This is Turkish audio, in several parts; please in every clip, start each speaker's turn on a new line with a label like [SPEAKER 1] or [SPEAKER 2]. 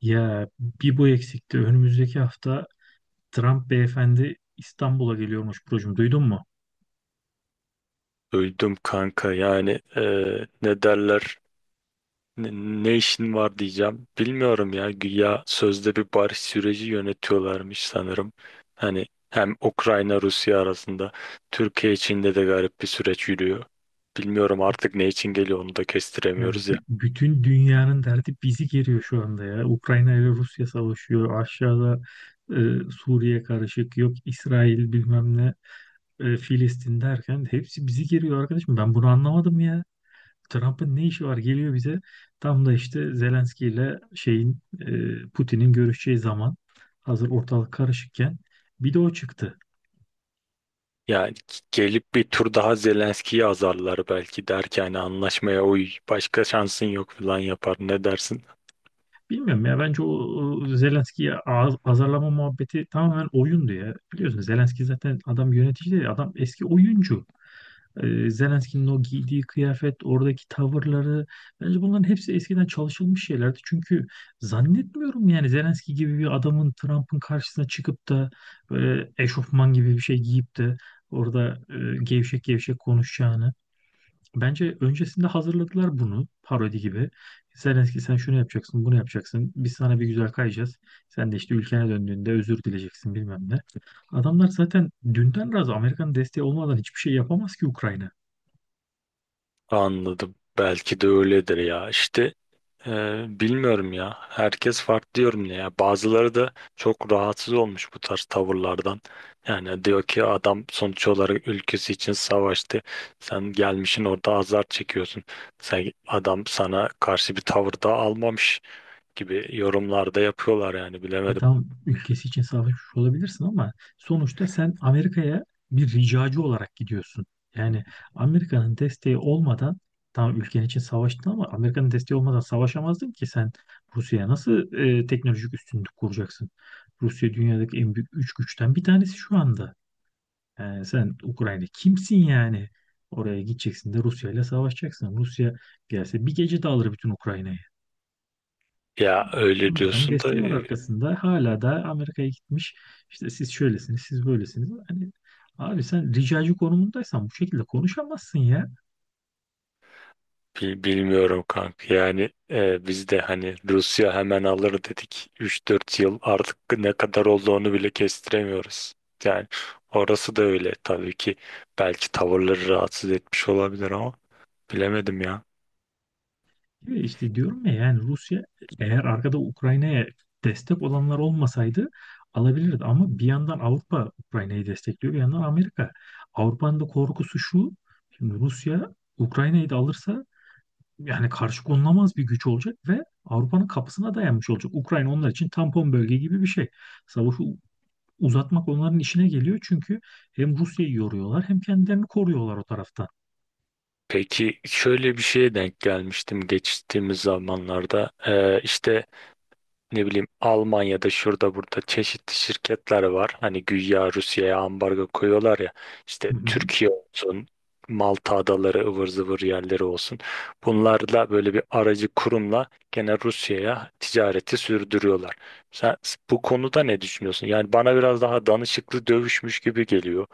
[SPEAKER 1] Ya bir bu eksikti. Önümüzdeki hafta Trump beyefendi İstanbul'a geliyormuş Burcu'm. Duydun mu?
[SPEAKER 2] Öldüm kanka, yani ne derler, ne, ne işin var diyeceğim, bilmiyorum ya. Güya sözde bir barış süreci yönetiyorlarmış sanırım, hani hem Ukrayna Rusya arasında, Türkiye içinde de garip bir süreç yürüyor. Bilmiyorum artık ne için geliyor, onu da
[SPEAKER 1] Ya
[SPEAKER 2] kestiremiyoruz ya.
[SPEAKER 1] bütün dünyanın derdi bizi geriyor şu anda ya. Ukrayna ile Rusya savaşıyor. Aşağıda e, Suriye karışık. Yok İsrail bilmem ne. Filistin derken hepsi bizi geriyor arkadaşım. Ben bunu anlamadım ya. Trump'ın ne işi var? Geliyor bize. Tam da işte Zelenski ile şeyin Putin'in görüşeceği zaman hazır ortalık karışıkken bir de o çıktı.
[SPEAKER 2] Yani gelip bir tur daha Zelenski'yi azarlar, belki der ki hani anlaşmaya uy başka şansın yok falan yapar, ne dersin?
[SPEAKER 1] Bilmiyorum ya bence o Zelenski'yi azarlama muhabbeti tamamen oyundu ya. Biliyorsun Zelenski zaten adam yönetici değil, adam eski oyuncu. Zelenski'nin o giydiği kıyafet, oradaki tavırları bence bunların hepsi eskiden çalışılmış şeylerdi. Çünkü zannetmiyorum yani Zelenski gibi bir adamın Trump'ın karşısına çıkıp da böyle eşofman gibi bir şey giyip de orada gevşek gevşek konuşacağını. Bence öncesinde hazırladılar bunu parodi gibi. Zelenski sen şunu yapacaksın, bunu yapacaksın. Biz sana bir güzel kayacağız. Sen de işte ülkene döndüğünde özür dileyeceksin bilmem ne. Adamlar zaten dünden razı, Amerika'nın desteği olmadan hiçbir şey yapamaz ki Ukrayna.
[SPEAKER 2] Anladım. Belki de öyledir ya. İşte e, bilmiyorum ya. Herkes farklı diyorum ya. Bazıları da çok rahatsız olmuş bu tarz tavırlardan. Yani diyor ki adam sonuç olarak ülkesi için savaştı. Sen gelmişin orada azar çekiyorsun. Sen adam sana karşı bir tavır da almamış gibi yorumlarda yapıyorlar yani
[SPEAKER 1] Ya
[SPEAKER 2] bilemedim.
[SPEAKER 1] tamam, ülkesi için savaşmış olabilirsin ama sonuçta sen Amerika'ya bir ricacı olarak gidiyorsun. Yani Amerika'nın desteği olmadan, tamam ülken için savaştın ama Amerika'nın desteği olmadan savaşamazdın ki sen. Rusya'ya nasıl teknolojik üstünlük kuracaksın? Rusya dünyadaki en büyük üç güçten bir tanesi şu anda. Yani sen Ukrayna kimsin yani? Oraya gideceksin de Rusya ile savaşacaksın. Rusya gelse bir gece de alır bütün Ukrayna'yı.
[SPEAKER 2] Ya öyle
[SPEAKER 1] Amerika'nın
[SPEAKER 2] diyorsun da.
[SPEAKER 1] desteği var arkasında. Hala da Amerika'ya gitmiş. İşte siz şöylesiniz, siz böylesiniz. Hani abi, sen ricacı konumundaysan bu şekilde konuşamazsın ya.
[SPEAKER 2] Bilmiyorum kanka, yani biz de hani Rusya hemen alır dedik, 3-4 yıl artık ne kadar olduğunu bile kestiremiyoruz. Yani orası da öyle tabii ki, belki tavırları rahatsız etmiş olabilir ama bilemedim ya.
[SPEAKER 1] Ve işte diyorum ya, yani Rusya, eğer arkada Ukrayna'ya destek olanlar olmasaydı, alabilirdi. Ama bir yandan Avrupa Ukrayna'yı destekliyor, bir yandan Amerika. Avrupa'nın da korkusu şu: Şimdi Rusya Ukrayna'yı da alırsa, yani karşı konulamaz bir güç olacak ve Avrupa'nın kapısına dayanmış olacak. Ukrayna onlar için tampon bölge gibi bir şey. Savaşı uzatmak onların işine geliyor çünkü hem Rusya'yı yoruyorlar hem kendilerini koruyorlar o taraftan.
[SPEAKER 2] Peki, şöyle bir şeye denk gelmiştim geçtiğimiz zamanlarda. E, işte ne bileyim, Almanya'da şurada burada çeşitli şirketler var. Hani güya Rusya'ya ambargo koyuyorlar ya,
[SPEAKER 1] Hı
[SPEAKER 2] işte
[SPEAKER 1] hı.
[SPEAKER 2] Türkiye olsun, Malta adaları, ıvır zıvır yerleri olsun. Bunlarla, böyle bir aracı kurumla gene Rusya'ya ticareti sürdürüyorlar. Sen bu konuda ne düşünüyorsun? Yani bana biraz daha danışıklı dövüşmüş gibi geliyor.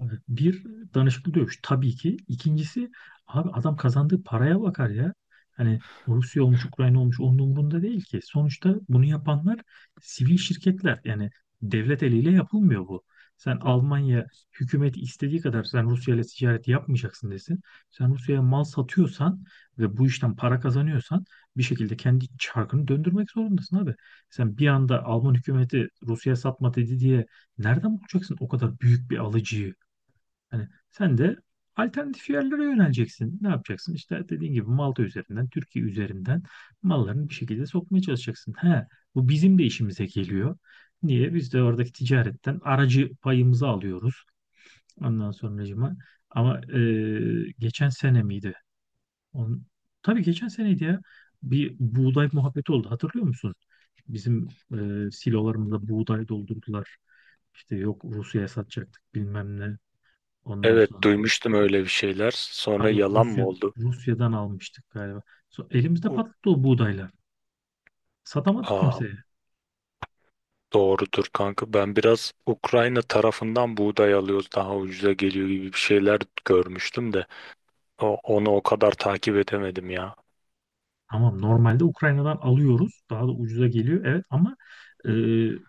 [SPEAKER 1] Evet, bir danışıklı dövüş tabii ki. İkincisi, abi adam kazandığı paraya bakar ya. Hani Rusya olmuş, Ukrayna olmuş, onun umurunda değil ki. Sonuçta bunu yapanlar sivil şirketler. Yani devlet eliyle yapılmıyor bu. Sen Almanya hükümeti istediği kadar "sen Rusya ile ticaret yapmayacaksın" desin. Sen Rusya'ya mal satıyorsan ve bu işten para kazanıyorsan bir şekilde kendi çarkını döndürmek zorundasın abi. Sen bir anda Alman hükümeti Rusya'ya satma dedi diye nereden bulacaksın o kadar büyük bir alıcıyı? Hani sen de alternatif yerlere yöneleceksin. Ne yapacaksın? İşte dediğin gibi Malta üzerinden, Türkiye üzerinden mallarını bir şekilde sokmaya çalışacaksın. He, bu bizim de işimize geliyor. Niye? Biz de oradaki ticaretten aracı payımızı alıyoruz. Ondan sonracıma. Ama geçen sene miydi? On, tabii geçen seneydi ya. Bir buğday muhabbeti oldu. Hatırlıyor musun? Bizim silolarımıza buğday doldurdular. İşte yok Rusya'ya satacaktık bilmem ne. Ondan
[SPEAKER 2] Evet,
[SPEAKER 1] sonra,
[SPEAKER 2] duymuştum öyle bir şeyler. Sonra
[SPEAKER 1] pardon
[SPEAKER 2] yalan mı
[SPEAKER 1] Rusya,
[SPEAKER 2] oldu?
[SPEAKER 1] Rusya'dan almıştık galiba. Elimizde
[SPEAKER 2] Uh,
[SPEAKER 1] patladı o buğdaylar. Satamadık
[SPEAKER 2] Aa,
[SPEAKER 1] kimseye.
[SPEAKER 2] doğrudur kanka. Ben biraz Ukrayna tarafından buğday alıyoruz, daha ucuza geliyor gibi bir şeyler görmüştüm de onu o kadar takip edemedim ya.
[SPEAKER 1] Tamam, normalde Ukrayna'dan alıyoruz. Daha da ucuza geliyor. Evet ama e,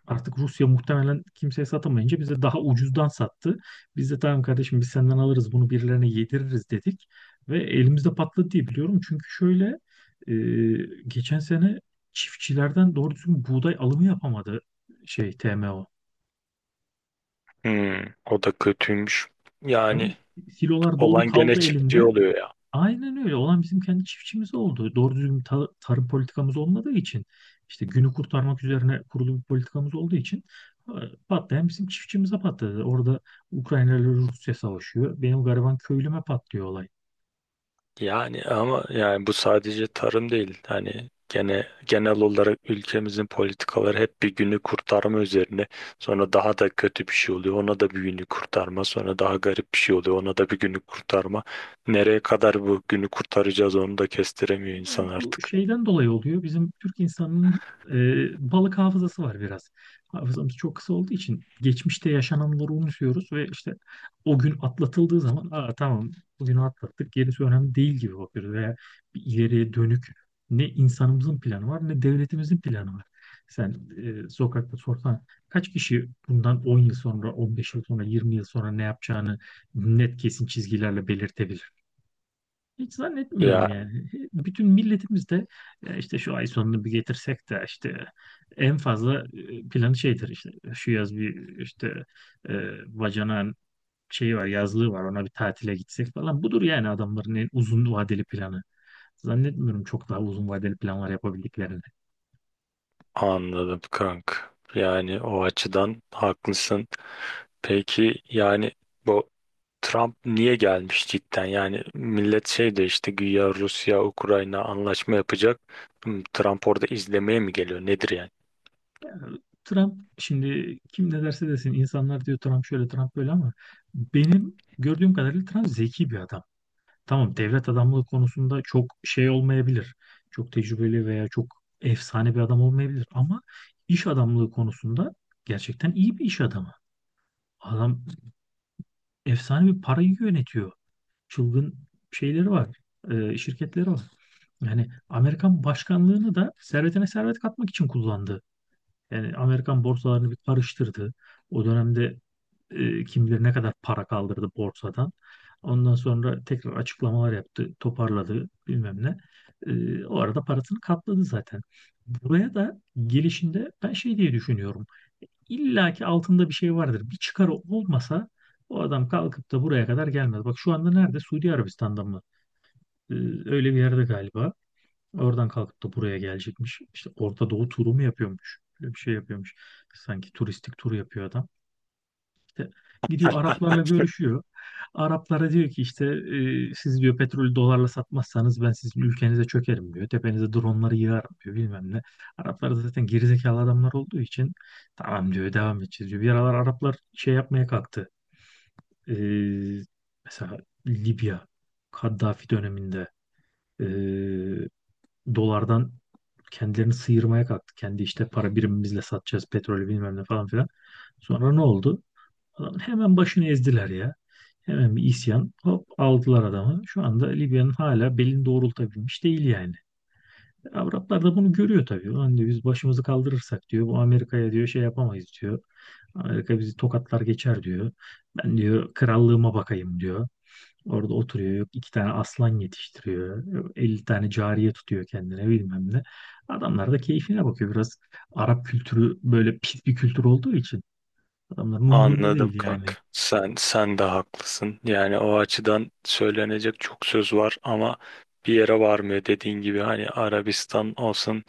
[SPEAKER 1] artık Rusya muhtemelen kimseye satamayınca bize daha ucuzdan sattı. Biz de "tamam kardeşim, biz senden alırız, bunu birilerine yediririz" dedik. Ve elimizde patladı diye biliyorum. Çünkü şöyle, e, geçen sene çiftçilerden doğru düzgün buğday alımı yapamadı şey, TMO.
[SPEAKER 2] Hmm, o da kötüymüş. Yani
[SPEAKER 1] Tabii, silolar dolu
[SPEAKER 2] olan gene
[SPEAKER 1] kaldı
[SPEAKER 2] çiftçi
[SPEAKER 1] elinde.
[SPEAKER 2] oluyor ya.
[SPEAKER 1] Aynen öyle. Olan bizim kendi çiftçimiz oldu. Doğru düzgün tarım politikamız olmadığı için, işte günü kurtarmak üzerine kurulu bir politikamız olduğu için, e, patlayan bizim çiftçimize patladı. Orada Ukrayna ile Rusya savaşıyor. Benim gariban köylüme patlıyor olay.
[SPEAKER 2] Yani ama yani bu sadece tarım değil. Hani gene genel olarak ülkemizin politikaları hep bir günü kurtarma üzerine. Sonra daha da kötü bir şey oluyor. Ona da bir günü kurtarma. Sonra daha garip bir şey oluyor. Ona da bir günü kurtarma. Nereye kadar bu günü kurtaracağız, onu da kestiremiyor insan
[SPEAKER 1] Ya bu
[SPEAKER 2] artık.
[SPEAKER 1] şeyden dolayı oluyor. Bizim Türk insanının balık hafızası var biraz. Hafızamız çok kısa olduğu için geçmişte yaşananları unutuyoruz ve işte o gün atlatıldığı zaman "aa, tamam, bugünü atlattık, gerisi önemli değil" gibi bakıyoruz. Veya bir ileriye dönük ne insanımızın planı var, ne devletimizin planı var. Sen sokakta sorsan kaç kişi bundan 10 yıl sonra, 15 yıl sonra, 20 yıl sonra ne yapacağını net kesin çizgilerle belirtebilir? Hiç zannetmiyorum
[SPEAKER 2] Ya,
[SPEAKER 1] yani. Bütün milletimiz de "ya işte şu ay sonunu bir getirsek de işte en fazla planı şeydir, işte şu yaz bir işte bacanağın şeyi var, yazlığı var, ona bir tatile gitsek" falan. Budur yani adamların en uzun vadeli planı. Zannetmiyorum çok daha uzun vadeli planlar yapabildiklerini.
[SPEAKER 2] anladım kank. Yani o açıdan haklısın. Peki yani bu Trump niye gelmiş cidden? Yani millet şey de, işte güya Rusya, Ukrayna anlaşma yapacak. Hmm, Trump orada izlemeye mi geliyor? Nedir yani?
[SPEAKER 1] Trump, şimdi kim ne derse desin, insanlar diyor Trump şöyle, Trump böyle, ama benim gördüğüm kadarıyla Trump zeki bir adam. Tamam, devlet adamlığı konusunda çok şey olmayabilir. Çok tecrübeli veya çok efsane bir adam olmayabilir, ama iş adamlığı konusunda gerçekten iyi bir iş adamı. Adam efsane bir parayı yönetiyor. Çılgın şeyleri var. Şirketleri var. Yani Amerikan başkanlığını da servetine servet katmak için kullandı. Yani Amerikan borsalarını bir karıştırdı. O dönemde kim bilir ne kadar para kaldırdı borsadan. Ondan sonra tekrar açıklamalar yaptı, toparladı bilmem ne. O arada parasını katladı zaten. Buraya da gelişinde ben şey diye düşünüyorum: İlla ki altında bir şey vardır. Bir çıkarı olmasa o adam kalkıp da buraya kadar gelmez. Bak şu anda nerede? Suudi Arabistan'da mı? E, öyle bir yerde galiba. Oradan kalkıp da buraya gelecekmiş. İşte Orta Doğu turu mu yapıyormuş? Böyle bir şey yapıyormuş. Sanki turistik tur yapıyor adam. İşte gidiyor Araplarla görüşüyor. Araplara diyor ki işte "siz" diyor, "petrolü dolarla satmazsanız ben sizin ülkenize çökerim" diyor. "Tepenize dronları yığarım" diyor bilmem ne. Araplar da zaten gerizekalı adamlar olduğu için "tamam" diyor, "devam edeceğiz" diyor. Bir aralar Araplar şey yapmaya kalktı. E, mesela Libya, Kaddafi döneminde, e, dolardan kendilerini sıyırmaya kalktı. "Kendi işte para birimimizle satacağız petrolü" bilmem ne falan filan. Sonra ne oldu? Adam hemen başını ezdiler ya. Hemen bir isyan, hop aldılar adamı. Şu anda Libya'nın hala belini doğrultabilmiş değil yani. Araplar da bunu görüyor tabii. "Ulan" diyor, "biz başımızı kaldırırsak" diyor, "bu Amerika'ya" diyor, "şey yapamayız" diyor. "Amerika bizi tokatlar geçer" diyor. "Ben" diyor, "krallığıma bakayım" diyor. Orada oturuyor. Yok, iki tane aslan yetiştiriyor. Yok, 50 tane cariye tutuyor kendine bilmem ne. Adamlar da keyfine bakıyor. Biraz Arap kültürü böyle pis bir kültür olduğu için adamların umurunda
[SPEAKER 2] Anladım
[SPEAKER 1] değil
[SPEAKER 2] kanka.
[SPEAKER 1] yani.
[SPEAKER 2] Sen de haklısın. Yani o açıdan söylenecek çok söz var ama bir yere varmıyor, dediğin gibi hani Arabistan olsun,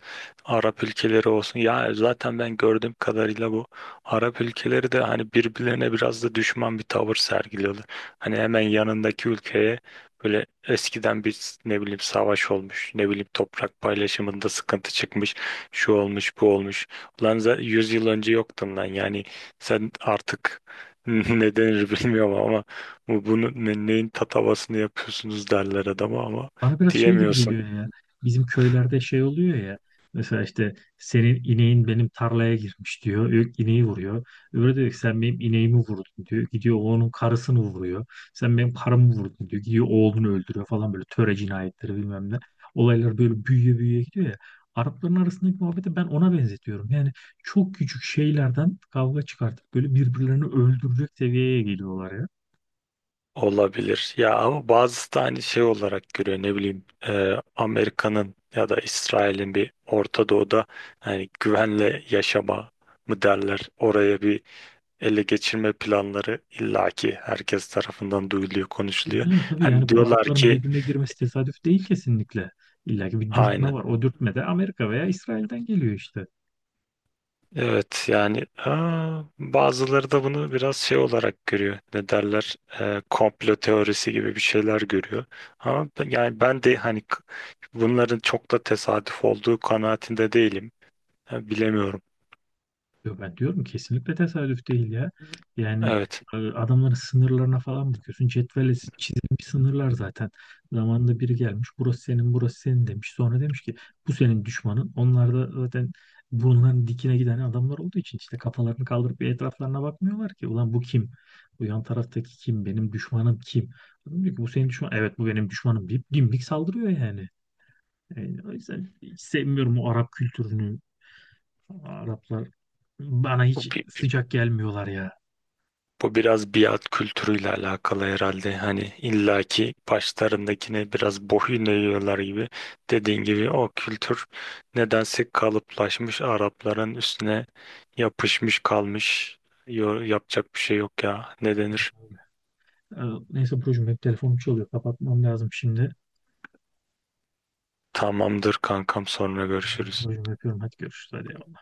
[SPEAKER 2] Arap ülkeleri olsun. Ya zaten ben gördüğüm kadarıyla bu Arap ülkeleri de hani birbirlerine biraz da düşman bir tavır sergiliyorlar. Hani hemen yanındaki ülkeye böyle eskiden bir, ne bileyim, savaş olmuş, ne bileyim toprak paylaşımında sıkıntı çıkmış, şu olmuş, bu olmuş. Ulan 100 yıl önce yoktun lan, yani sen artık ne denir bilmiyorum ama bu, bunu neyin tatavasını yapıyorsunuz derler adama ama
[SPEAKER 1] Bana biraz şey gibi
[SPEAKER 2] diyemiyorsun.
[SPEAKER 1] geliyor ya. Bizim köylerde şey oluyor ya. Mesela işte "senin ineğin benim tarlaya girmiş" diyor. İneği vuruyor. Öbürü diyor ki "sen benim ineğimi vurdun" diyor. Gidiyor onun karısını vuruyor. "Sen benim karımı vurdun" diyor. Gidiyor oğlunu öldürüyor falan, böyle töre cinayetleri bilmem ne. Olaylar böyle büyüye büyüye gidiyor ya. Arapların arasındaki muhabbeti ben ona benzetiyorum. Yani çok küçük şeylerden kavga çıkartıp böyle birbirlerini öldürecek seviyeye geliyorlar ya.
[SPEAKER 2] Olabilir. Ya ama bazısı da hani şey olarak görüyor, ne bileyim Amerika'nın ya da İsrail'in bir Orta Doğu'da hani güvenle yaşama mı derler. Oraya bir ele geçirme planları illaki herkes tarafından duyuluyor, konuşuluyor.
[SPEAKER 1] Yani tabii
[SPEAKER 2] Hani
[SPEAKER 1] yani bu
[SPEAKER 2] diyorlar
[SPEAKER 1] Arapların
[SPEAKER 2] ki,
[SPEAKER 1] birbirine girmesi tesadüf değil kesinlikle. İlla ki bir dürtme
[SPEAKER 2] aynen.
[SPEAKER 1] var. O dürtme de Amerika veya İsrail'den geliyor işte.
[SPEAKER 2] Evet yani aa, bazıları da bunu biraz şey olarak görüyor. Ne derler? Komplo teorisi gibi bir şeyler görüyor. Ama yani ben de hani bunların çok da tesadüf olduğu kanaatinde değilim. Ha, bilemiyorum.
[SPEAKER 1] Yo, ben diyorum kesinlikle tesadüf değil ya. Yani
[SPEAKER 2] Evet.
[SPEAKER 1] adamların sınırlarına falan bakıyorsun. Cetvelle çizilmiş sınırlar zaten. Zamanında biri gelmiş. "Burası senin, burası senin" demiş. Sonra demiş ki "bu senin düşmanın". Onlar da zaten bunların dikine giden adamlar olduğu için işte kafalarını kaldırıp bir etraflarına bakmıyorlar ki. "Ulan bu kim? Bu yan taraftaki kim? Benim düşmanım kim?" Adam diyor ki "bu senin düşman". "Evet, bu benim düşmanım" deyip dimdik saldırıyor yani. Yani o yüzden hiç sevmiyorum o Arap kültürünü. Araplar bana hiç sıcak gelmiyorlar ya.
[SPEAKER 2] Bu biraz biat kültürüyle alakalı herhalde. Hani illaki başlarındakine biraz boyun eğiyorlar gibi. Dediğin gibi o kültür nedense kalıplaşmış, Arapların üstüne yapışmış kalmış. Yapacak bir şey yok ya. Ne denir?
[SPEAKER 1] Ee, Neyse Burcu'm, hep telefonum çalıyor. Kapatmam lazım şimdi.
[SPEAKER 2] Tamamdır kankam, sonra görüşürüz.
[SPEAKER 1] Burcu'm öpüyorum. Hadi görüşürüz. Hadi.